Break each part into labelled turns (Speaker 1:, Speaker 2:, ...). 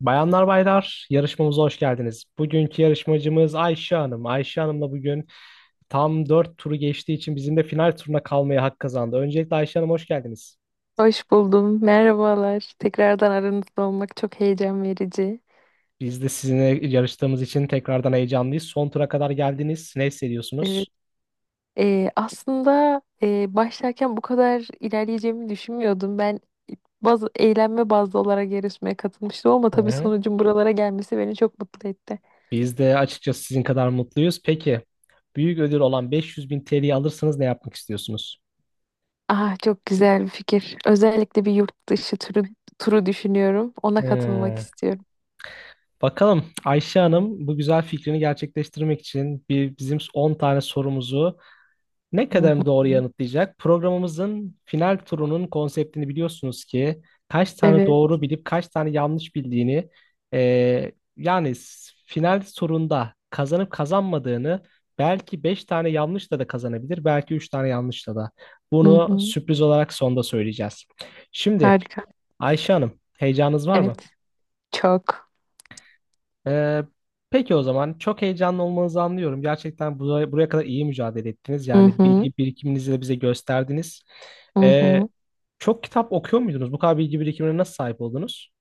Speaker 1: Bayanlar baylar, yarışmamıza hoş geldiniz. Bugünkü yarışmacımız Ayşe Hanım. Ayşe Hanım'la bugün tam 4 turu geçtiği için bizim de final turuna kalmaya hak kazandı. Öncelikle Ayşe Hanım hoş geldiniz.
Speaker 2: Hoş buldum. Merhabalar. Tekrardan aranızda olmak çok heyecan verici.
Speaker 1: Biz de sizinle yarıştığımız için tekrardan heyecanlıyız. Son tura kadar geldiniz. Ne hissediyorsunuz?
Speaker 2: Evet. Başlarken bu kadar ilerleyeceğimi düşünmüyordum. Ben bazı eğlenme bazlı olarak yarışmaya katılmıştım ama
Speaker 1: Hı
Speaker 2: tabii
Speaker 1: hı.
Speaker 2: sonucun buralara gelmesi beni çok mutlu etti.
Speaker 1: Biz de açıkçası sizin kadar mutluyuz. Peki, büyük ödül olan 500 bin TL'yi alırsanız ne yapmak istiyorsunuz?
Speaker 2: Ah çok güzel bir fikir. Özellikle bir yurt dışı turu düşünüyorum. Ona katılmak
Speaker 1: Hmm.
Speaker 2: istiyorum.
Speaker 1: Bakalım Ayşe Hanım bu güzel fikrini gerçekleştirmek için bizim 10 tane sorumuzu ne
Speaker 2: Hı hı.
Speaker 1: kadarını doğru yanıtlayacak? Programımızın final turunun konseptini biliyorsunuz ki kaç tane
Speaker 2: Evet.
Speaker 1: doğru bilip kaç tane yanlış bildiğini yani final turunda kazanıp kazanmadığını belki 5 tane yanlışla da kazanabilir belki 3 tane yanlışla da.
Speaker 2: Hı
Speaker 1: Bunu
Speaker 2: hı.
Speaker 1: sürpriz olarak sonda söyleyeceğiz. Şimdi
Speaker 2: Harika.
Speaker 1: Ayşe Hanım heyecanınız var mı?
Speaker 2: Evet. Çok.
Speaker 1: Ee, peki o zaman çok heyecanlı olmanızı anlıyorum. Gerçekten buraya kadar iyi mücadele ettiniz.
Speaker 2: Hı
Speaker 1: Yani
Speaker 2: hı.
Speaker 1: bilgi birikiminizi de bize gösterdiniz.
Speaker 2: Hı
Speaker 1: Ee,
Speaker 2: hı.
Speaker 1: çok kitap okuyor muydunuz? Bu kadar bilgi birikimine nasıl sahip oldunuz?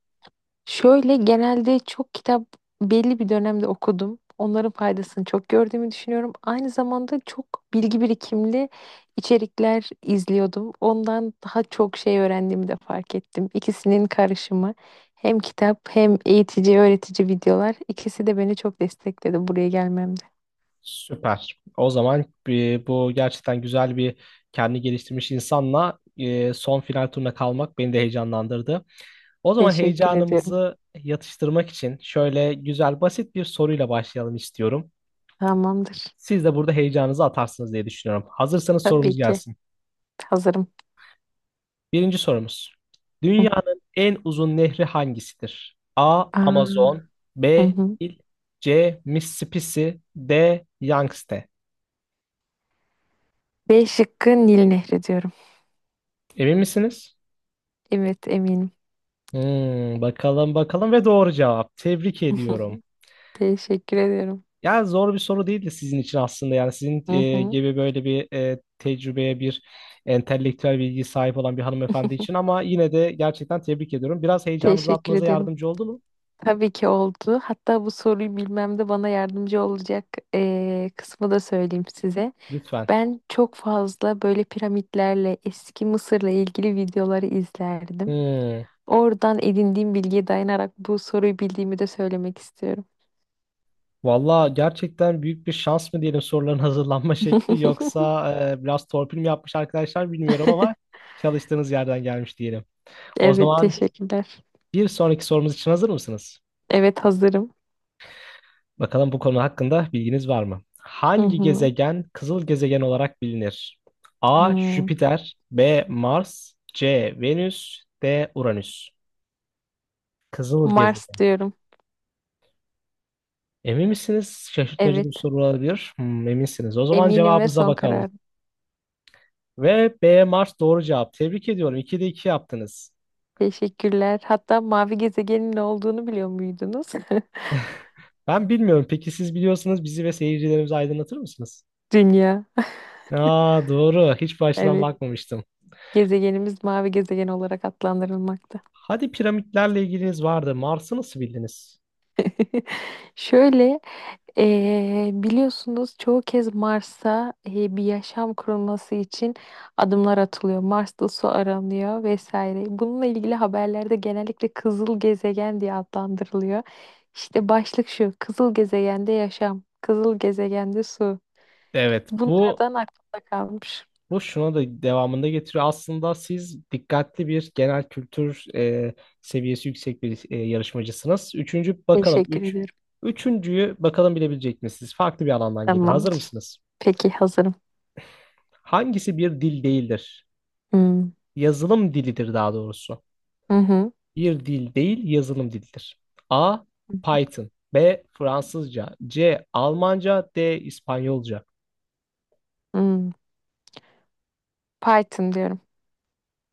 Speaker 2: Şöyle genelde çok kitap belli bir dönemde okudum. Onların faydasını çok gördüğümü düşünüyorum. Aynı zamanda çok bilgi birikimli içerikler izliyordum. Ondan daha çok şey öğrendiğimi de fark ettim. İkisinin karışımı, hem kitap hem eğitici öğretici videolar, ikisi de beni çok destekledi buraya gelmemde.
Speaker 1: Süper. O zaman bu gerçekten güzel bir kendi geliştirmiş insanla son final turuna kalmak beni de heyecanlandırdı. O zaman
Speaker 2: Teşekkür ediyorum.
Speaker 1: heyecanımızı yatıştırmak için şöyle güzel basit bir soruyla başlayalım istiyorum.
Speaker 2: Tamamdır.
Speaker 1: Siz de burada heyecanınızı atarsınız diye düşünüyorum. Hazırsanız
Speaker 2: Tabii
Speaker 1: sorumuz
Speaker 2: ki
Speaker 1: gelsin.
Speaker 2: hazırım.
Speaker 1: Birinci sorumuz.
Speaker 2: Hı.
Speaker 1: Dünyanın en uzun nehri hangisidir? A.
Speaker 2: Aa.
Speaker 1: Amazon
Speaker 2: Hı
Speaker 1: B.
Speaker 2: hı.
Speaker 1: Nil C. Mississippi D. Yangtze.
Speaker 2: B şıkkı Nil Nehri diyorum.
Speaker 1: Emin misiniz?
Speaker 2: Evet eminim.
Speaker 1: Hmm, bakalım ve doğru cevap. Tebrik ediyorum.
Speaker 2: Teşekkür ediyorum.
Speaker 1: Ya zor bir soru değildi sizin için aslında. Yani sizin
Speaker 2: Hı hı.
Speaker 1: gibi böyle bir tecrübeye bir entelektüel bilgi sahip olan bir hanımefendi için ama yine de gerçekten tebrik ediyorum. Biraz heyecanınızı
Speaker 2: Teşekkür
Speaker 1: atmanıza
Speaker 2: ederim.
Speaker 1: yardımcı oldu mu?
Speaker 2: Tabii ki oldu. Hatta bu soruyu bilmemde bana yardımcı olacak kısmı da söyleyeyim size.
Speaker 1: Lütfen.
Speaker 2: Ben çok fazla böyle piramitlerle, eski Mısır'la ilgili videoları izlerdim.
Speaker 1: Hmm.
Speaker 2: Oradan edindiğim bilgiye dayanarak bu soruyu bildiğimi de söylemek istiyorum.
Speaker 1: Valla gerçekten büyük bir şans mı diyelim soruların hazırlanma şekli yoksa biraz torpil mi yapmış arkadaşlar bilmiyorum ama çalıştığınız yerden gelmiş diyelim. O
Speaker 2: Evet,
Speaker 1: zaman
Speaker 2: teşekkürler.
Speaker 1: bir sonraki sorumuz için hazır mısınız?
Speaker 2: Evet, hazırım.
Speaker 1: Bakalım bu konu hakkında bilginiz var mı?
Speaker 2: Hı
Speaker 1: Hangi
Speaker 2: hı.
Speaker 1: gezegen kızıl gezegen olarak bilinir? A.
Speaker 2: Hmm.
Speaker 1: Jüpiter B. Mars C. Venüs D. Uranüs. Kızıl
Speaker 2: Mars
Speaker 1: gezegen.
Speaker 2: diyorum.
Speaker 1: Emin misiniz? Şaşırtmacı bir
Speaker 2: Evet,
Speaker 1: soru olabilir. Hmm, eminsiniz. O zaman
Speaker 2: eminim ve
Speaker 1: cevabınıza
Speaker 2: son
Speaker 1: bakalım.
Speaker 2: karar.
Speaker 1: Ve B Mars doğru cevap. Tebrik ediyorum. 2'de iki yaptınız.
Speaker 2: Teşekkürler. Hatta mavi gezegenin ne olduğunu biliyor muydunuz?
Speaker 1: Ben bilmiyorum. Peki siz biliyorsanız bizi ve seyircilerimizi aydınlatır mısınız?
Speaker 2: Dünya.
Speaker 1: Aa doğru. Hiç bu açıdan
Speaker 2: Evet.
Speaker 1: bakmamıştım.
Speaker 2: Gezegenimiz mavi gezegen olarak adlandırılmakta.
Speaker 1: Hadi piramitlerle ilginiz vardı. Mars'ı nasıl bildiniz?
Speaker 2: Şöyle, biliyorsunuz çoğu kez Mars'a bir yaşam kurulması için adımlar atılıyor. Mars'ta su aranıyor vesaire. Bununla ilgili haberlerde genellikle kızıl gezegen diye adlandırılıyor. İşte başlık şu, kızıl gezegende yaşam, kızıl gezegende su.
Speaker 1: Evet,
Speaker 2: Bunlardan aklımda kalmış.
Speaker 1: bu şuna da devamında getiriyor. Aslında siz dikkatli bir genel kültür seviyesi yüksek bir yarışmacısınız. Üçüncü bakalım.
Speaker 2: Teşekkür ederim.
Speaker 1: Üçüncüyü bakalım bilebilecek misiniz? Farklı bir alandan gelir. Hazır
Speaker 2: Tamamdır.
Speaker 1: mısınız?
Speaker 2: Peki hazırım.
Speaker 1: Hangisi bir dil değildir?
Speaker 2: Hmm.
Speaker 1: Yazılım dilidir daha doğrusu.
Speaker 2: Hı hı.
Speaker 1: Bir dil değil, yazılım dilidir. A. Python. B. Fransızca. C. Almanca. D. İspanyolca.
Speaker 2: Hmm. Python diyorum.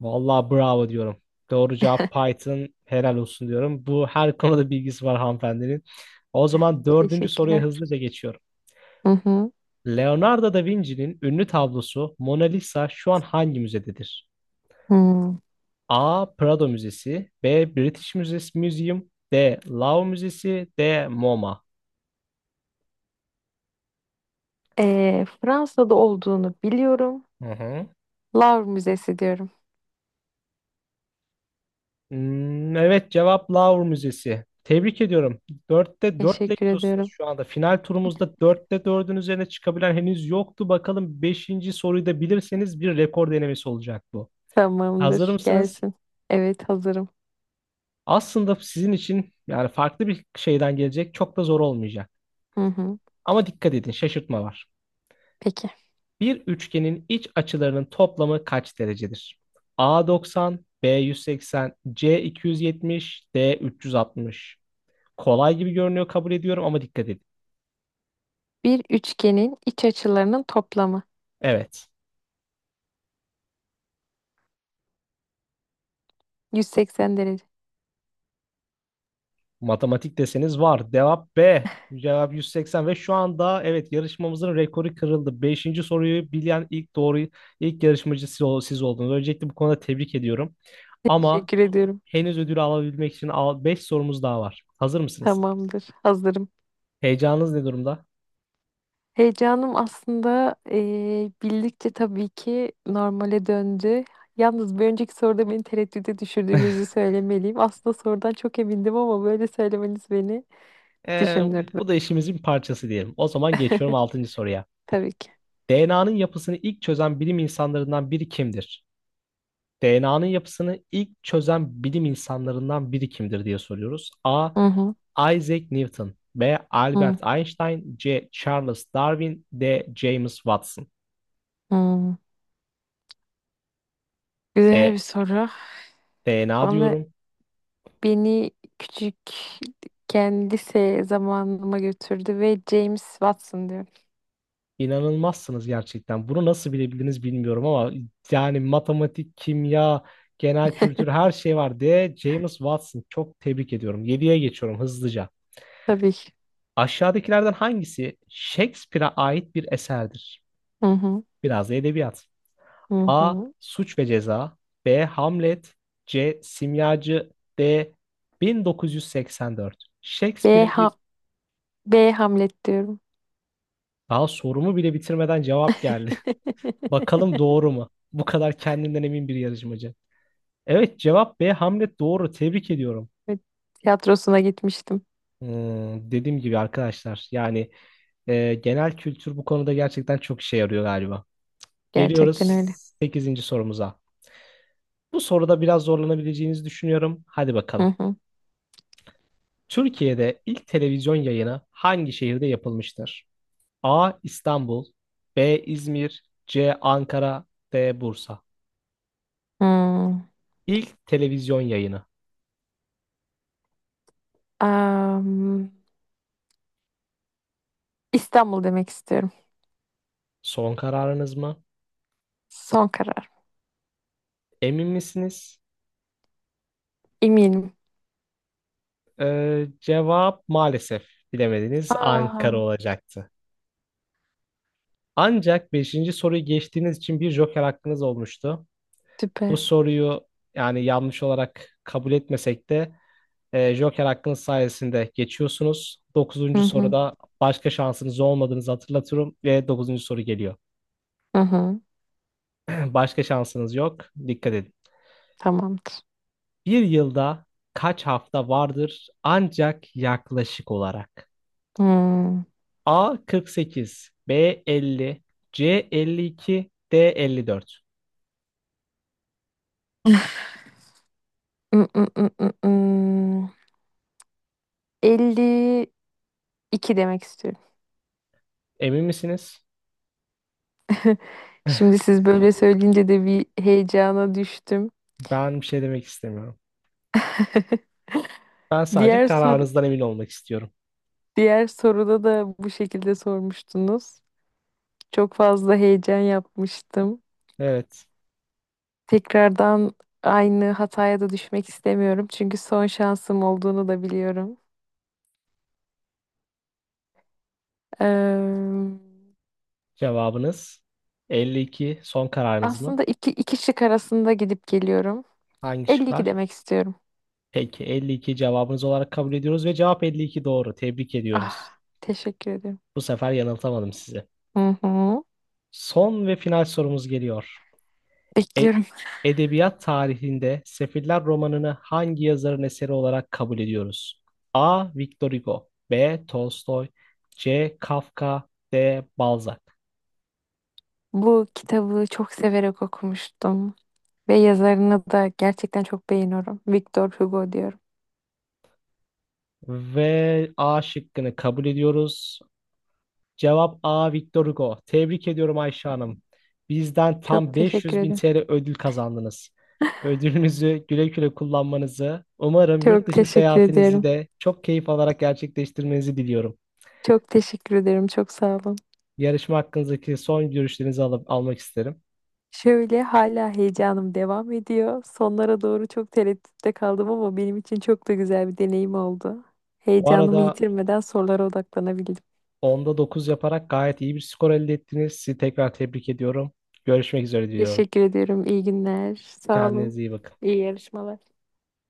Speaker 1: Vallahi bravo diyorum. Doğru cevap Python. Helal olsun diyorum. Bu her konuda bilgisi var hanımefendinin. O zaman dördüncü soruya
Speaker 2: Teşekkürler.
Speaker 1: hızlıca geçiyorum.
Speaker 2: Hı hı.
Speaker 1: Leonardo da Vinci'nin ünlü tablosu Mona Lisa şu an hangi müzededir?
Speaker 2: Hmm.
Speaker 1: A. Prado Müzesi B. British Museum Museum D. Louvre Müzesi D. MoMA.
Speaker 2: Fransa'da olduğunu biliyorum.
Speaker 1: Hı hı.
Speaker 2: Louvre Müzesi diyorum.
Speaker 1: Hmm, evet cevap Louvre Müzesi. Tebrik ediyorum. Dörtte dörtle
Speaker 2: Teşekkür
Speaker 1: gidiyorsunuz
Speaker 2: ediyorum.
Speaker 1: şu anda. Final turumuzda dörtte dördün üzerine çıkabilen henüz yoktu. Bakalım beşinci soruyu da bilirseniz bir rekor denemesi olacak bu. Hazır
Speaker 2: Tamamdır.
Speaker 1: mısınız?
Speaker 2: Gelsin. Evet hazırım.
Speaker 1: Aslında sizin için yani farklı bir şeyden gelecek. Çok da zor olmayacak.
Speaker 2: Hı hı.
Speaker 1: Ama dikkat edin şaşırtma var.
Speaker 2: Peki.
Speaker 1: Bir üçgenin iç açılarının toplamı kaç derecedir? A 90, B 180, C 270, D 360. Kolay gibi görünüyor kabul ediyorum ama dikkat edin.
Speaker 2: Bir üçgenin iç açılarının toplamı.
Speaker 1: Evet.
Speaker 2: 180 derece.
Speaker 1: Matematik deseniz var. Cevap B. Cevap 180 ve şu anda evet yarışmamızın rekoru kırıldı. Beşinci soruyu bilen ilk doğru ilk yarışmacı siz oldunuz. Öncelikle bu konuda tebrik ediyorum. Ama
Speaker 2: Teşekkür ediyorum.
Speaker 1: henüz ödülü alabilmek için 5 sorumuz daha var. Hazır mısınız?
Speaker 2: Tamamdır. Hazırım.
Speaker 1: Heyecanınız ne durumda?
Speaker 2: Heyecanım aslında bildikçe tabii ki normale döndü. Yalnız bir önceki soruda beni tereddüde düşürdüğünüzü söylemeliyim. Aslında sorudan çok emindim ama böyle söylemeniz beni
Speaker 1: Ee,
Speaker 2: düşündürdü.
Speaker 1: bu da işimizin parçası diyelim. O zaman geçiyorum altıncı soruya.
Speaker 2: Tabii ki.
Speaker 1: DNA'nın yapısını ilk çözen bilim insanlarından biri kimdir? DNA'nın yapısını ilk çözen bilim insanlarından biri kimdir diye soruyoruz. A.
Speaker 2: Hı hı,
Speaker 1: Isaac Newton B.
Speaker 2: hı,
Speaker 1: Albert Einstein C. Charles Darwin D. James Watson
Speaker 2: hı. Güzel
Speaker 1: E.
Speaker 2: bir soru.
Speaker 1: DNA
Speaker 2: Bana
Speaker 1: diyorum.
Speaker 2: beni küçükken lise zamanıma götürdü ve James Watson diyorum.
Speaker 1: İnanılmazsınız gerçekten. Bunu nasıl bilebildiniz bilmiyorum ama yani matematik, kimya, genel kültür her şey var D. James Watson. Çok tebrik ediyorum. 7'ye geçiyorum hızlıca.
Speaker 2: Tabii ki.
Speaker 1: Aşağıdakilerden hangisi Shakespeare'a ait bir eserdir?
Speaker 2: Hı hı,
Speaker 1: Biraz da edebiyat.
Speaker 2: hı
Speaker 1: A.
Speaker 2: hı.
Speaker 1: Suç ve Ceza B. Hamlet C. Simyacı D. 1984.
Speaker 2: B,
Speaker 1: Shakespeare'in
Speaker 2: ha
Speaker 1: bir...
Speaker 2: B, Hamlet diyorum.
Speaker 1: Daha sorumu bile bitirmeden cevap geldi. Bakalım doğru mu? Bu kadar kendinden emin bir yarışmacı. Evet cevap B. Hamlet doğru. Tebrik ediyorum.
Speaker 2: Evet, tiyatrosuna gitmiştim.
Speaker 1: Hmm, dediğim gibi arkadaşlar yani genel kültür bu konuda gerçekten çok işe yarıyor galiba.
Speaker 2: Gerçekten
Speaker 1: Geliyoruz
Speaker 2: öyle.
Speaker 1: sekizinci sorumuza. Bu soruda biraz zorlanabileceğinizi düşünüyorum. Hadi
Speaker 2: Hı
Speaker 1: bakalım.
Speaker 2: hı.
Speaker 1: Türkiye'de ilk televizyon yayını hangi şehirde yapılmıştır? A. İstanbul B. İzmir C. Ankara D. Bursa.
Speaker 2: Hmm.
Speaker 1: İlk televizyon yayını.
Speaker 2: Am, İstanbul demek istiyorum.
Speaker 1: Son kararınız mı?
Speaker 2: Son karar.
Speaker 1: Emin misiniz?
Speaker 2: Eminim.
Speaker 1: Cevap maalesef bilemediniz.
Speaker 2: Aa,
Speaker 1: Ankara olacaktı. Ancak beşinci soruyu geçtiğiniz için bir joker hakkınız olmuştu. Bu
Speaker 2: süper.
Speaker 1: soruyu yani yanlış olarak kabul etmesek de joker hakkınız sayesinde geçiyorsunuz.
Speaker 2: Hı
Speaker 1: Dokuzuncu
Speaker 2: hı.
Speaker 1: soruda başka şansınız olmadığınızı hatırlatıyorum ve dokuzuncu soru geliyor.
Speaker 2: Hı hı.
Speaker 1: Başka şansınız yok. Dikkat edin.
Speaker 2: Tamamdır.
Speaker 1: Bir yılda kaç hafta vardır ancak yaklaşık olarak?
Speaker 2: Hmm.
Speaker 1: A 48, B 50, C 52, D 54.
Speaker 2: Mm, mm, mm, mm, mm. 52 demek istiyorum.
Speaker 1: Emin misiniz?
Speaker 2: Şimdi siz böyle söyleyince de bir heyecana düştüm.
Speaker 1: Ben bir şey demek istemiyorum. Ben sadece
Speaker 2: Diğer soru,
Speaker 1: kararınızdan emin olmak istiyorum.
Speaker 2: diğer soruda da bu şekilde sormuştunuz. Çok fazla heyecan yapmıştım.
Speaker 1: Evet.
Speaker 2: Tekrardan aynı hataya da düşmek istemiyorum. Çünkü son şansım olduğunu da biliyorum. Eee,
Speaker 1: Cevabınız 52. Son kararınız mı?
Speaker 2: Aslında iki şık arasında gidip geliyorum.
Speaker 1: Hangi
Speaker 2: 52
Speaker 1: şıklar?
Speaker 2: demek istiyorum.
Speaker 1: Peki 52 cevabınız olarak kabul ediyoruz ve cevap 52 doğru. Tebrik ediyoruz.
Speaker 2: Ah, teşekkür ederim.
Speaker 1: Bu sefer yanıltamadım sizi.
Speaker 2: Hı hı.
Speaker 1: Son ve final sorumuz geliyor. E-
Speaker 2: Bekliyorum.
Speaker 1: Edebiyat tarihinde Sefiller romanını hangi yazarın eseri olarak kabul ediyoruz? A. Victor Hugo B. Tolstoy C. Kafka D. Balzac.
Speaker 2: Bu kitabı çok severek okumuştum. Ve yazarını da gerçekten çok beğeniyorum. Victor Hugo diyorum.
Speaker 1: Ve A şıkkını kabul ediyoruz. Cevap A. Victor Hugo. Tebrik ediyorum Ayşe Hanım. Bizden
Speaker 2: Çok
Speaker 1: tam
Speaker 2: teşekkür
Speaker 1: 500 bin
Speaker 2: ederim.
Speaker 1: TL ödül kazandınız. Ödülünüzü güle güle kullanmanızı, umarım yurt
Speaker 2: Çok
Speaker 1: dışı
Speaker 2: teşekkür
Speaker 1: seyahatinizi
Speaker 2: ederim.
Speaker 1: de çok keyif alarak gerçekleştirmenizi diliyorum.
Speaker 2: Çok teşekkür ederim. Çok sağ olun.
Speaker 1: Yarışma hakkınızdaki son görüşlerinizi alıp almak isterim.
Speaker 2: Şöyle hala heyecanım devam ediyor. Sonlara doğru çok tereddütte kaldım ama benim için çok da güzel bir deneyim oldu.
Speaker 1: Bu
Speaker 2: Heyecanımı
Speaker 1: arada
Speaker 2: yitirmeden sorulara odaklanabildim.
Speaker 1: 10'da 9 yaparak gayet iyi bir skor elde ettiniz. Sizi tekrar tebrik ediyorum. Görüşmek üzere diliyorum.
Speaker 2: Teşekkür ediyorum. İyi günler. Sağ olun.
Speaker 1: Kendinize iyi bakın.
Speaker 2: İyi yarışmalar.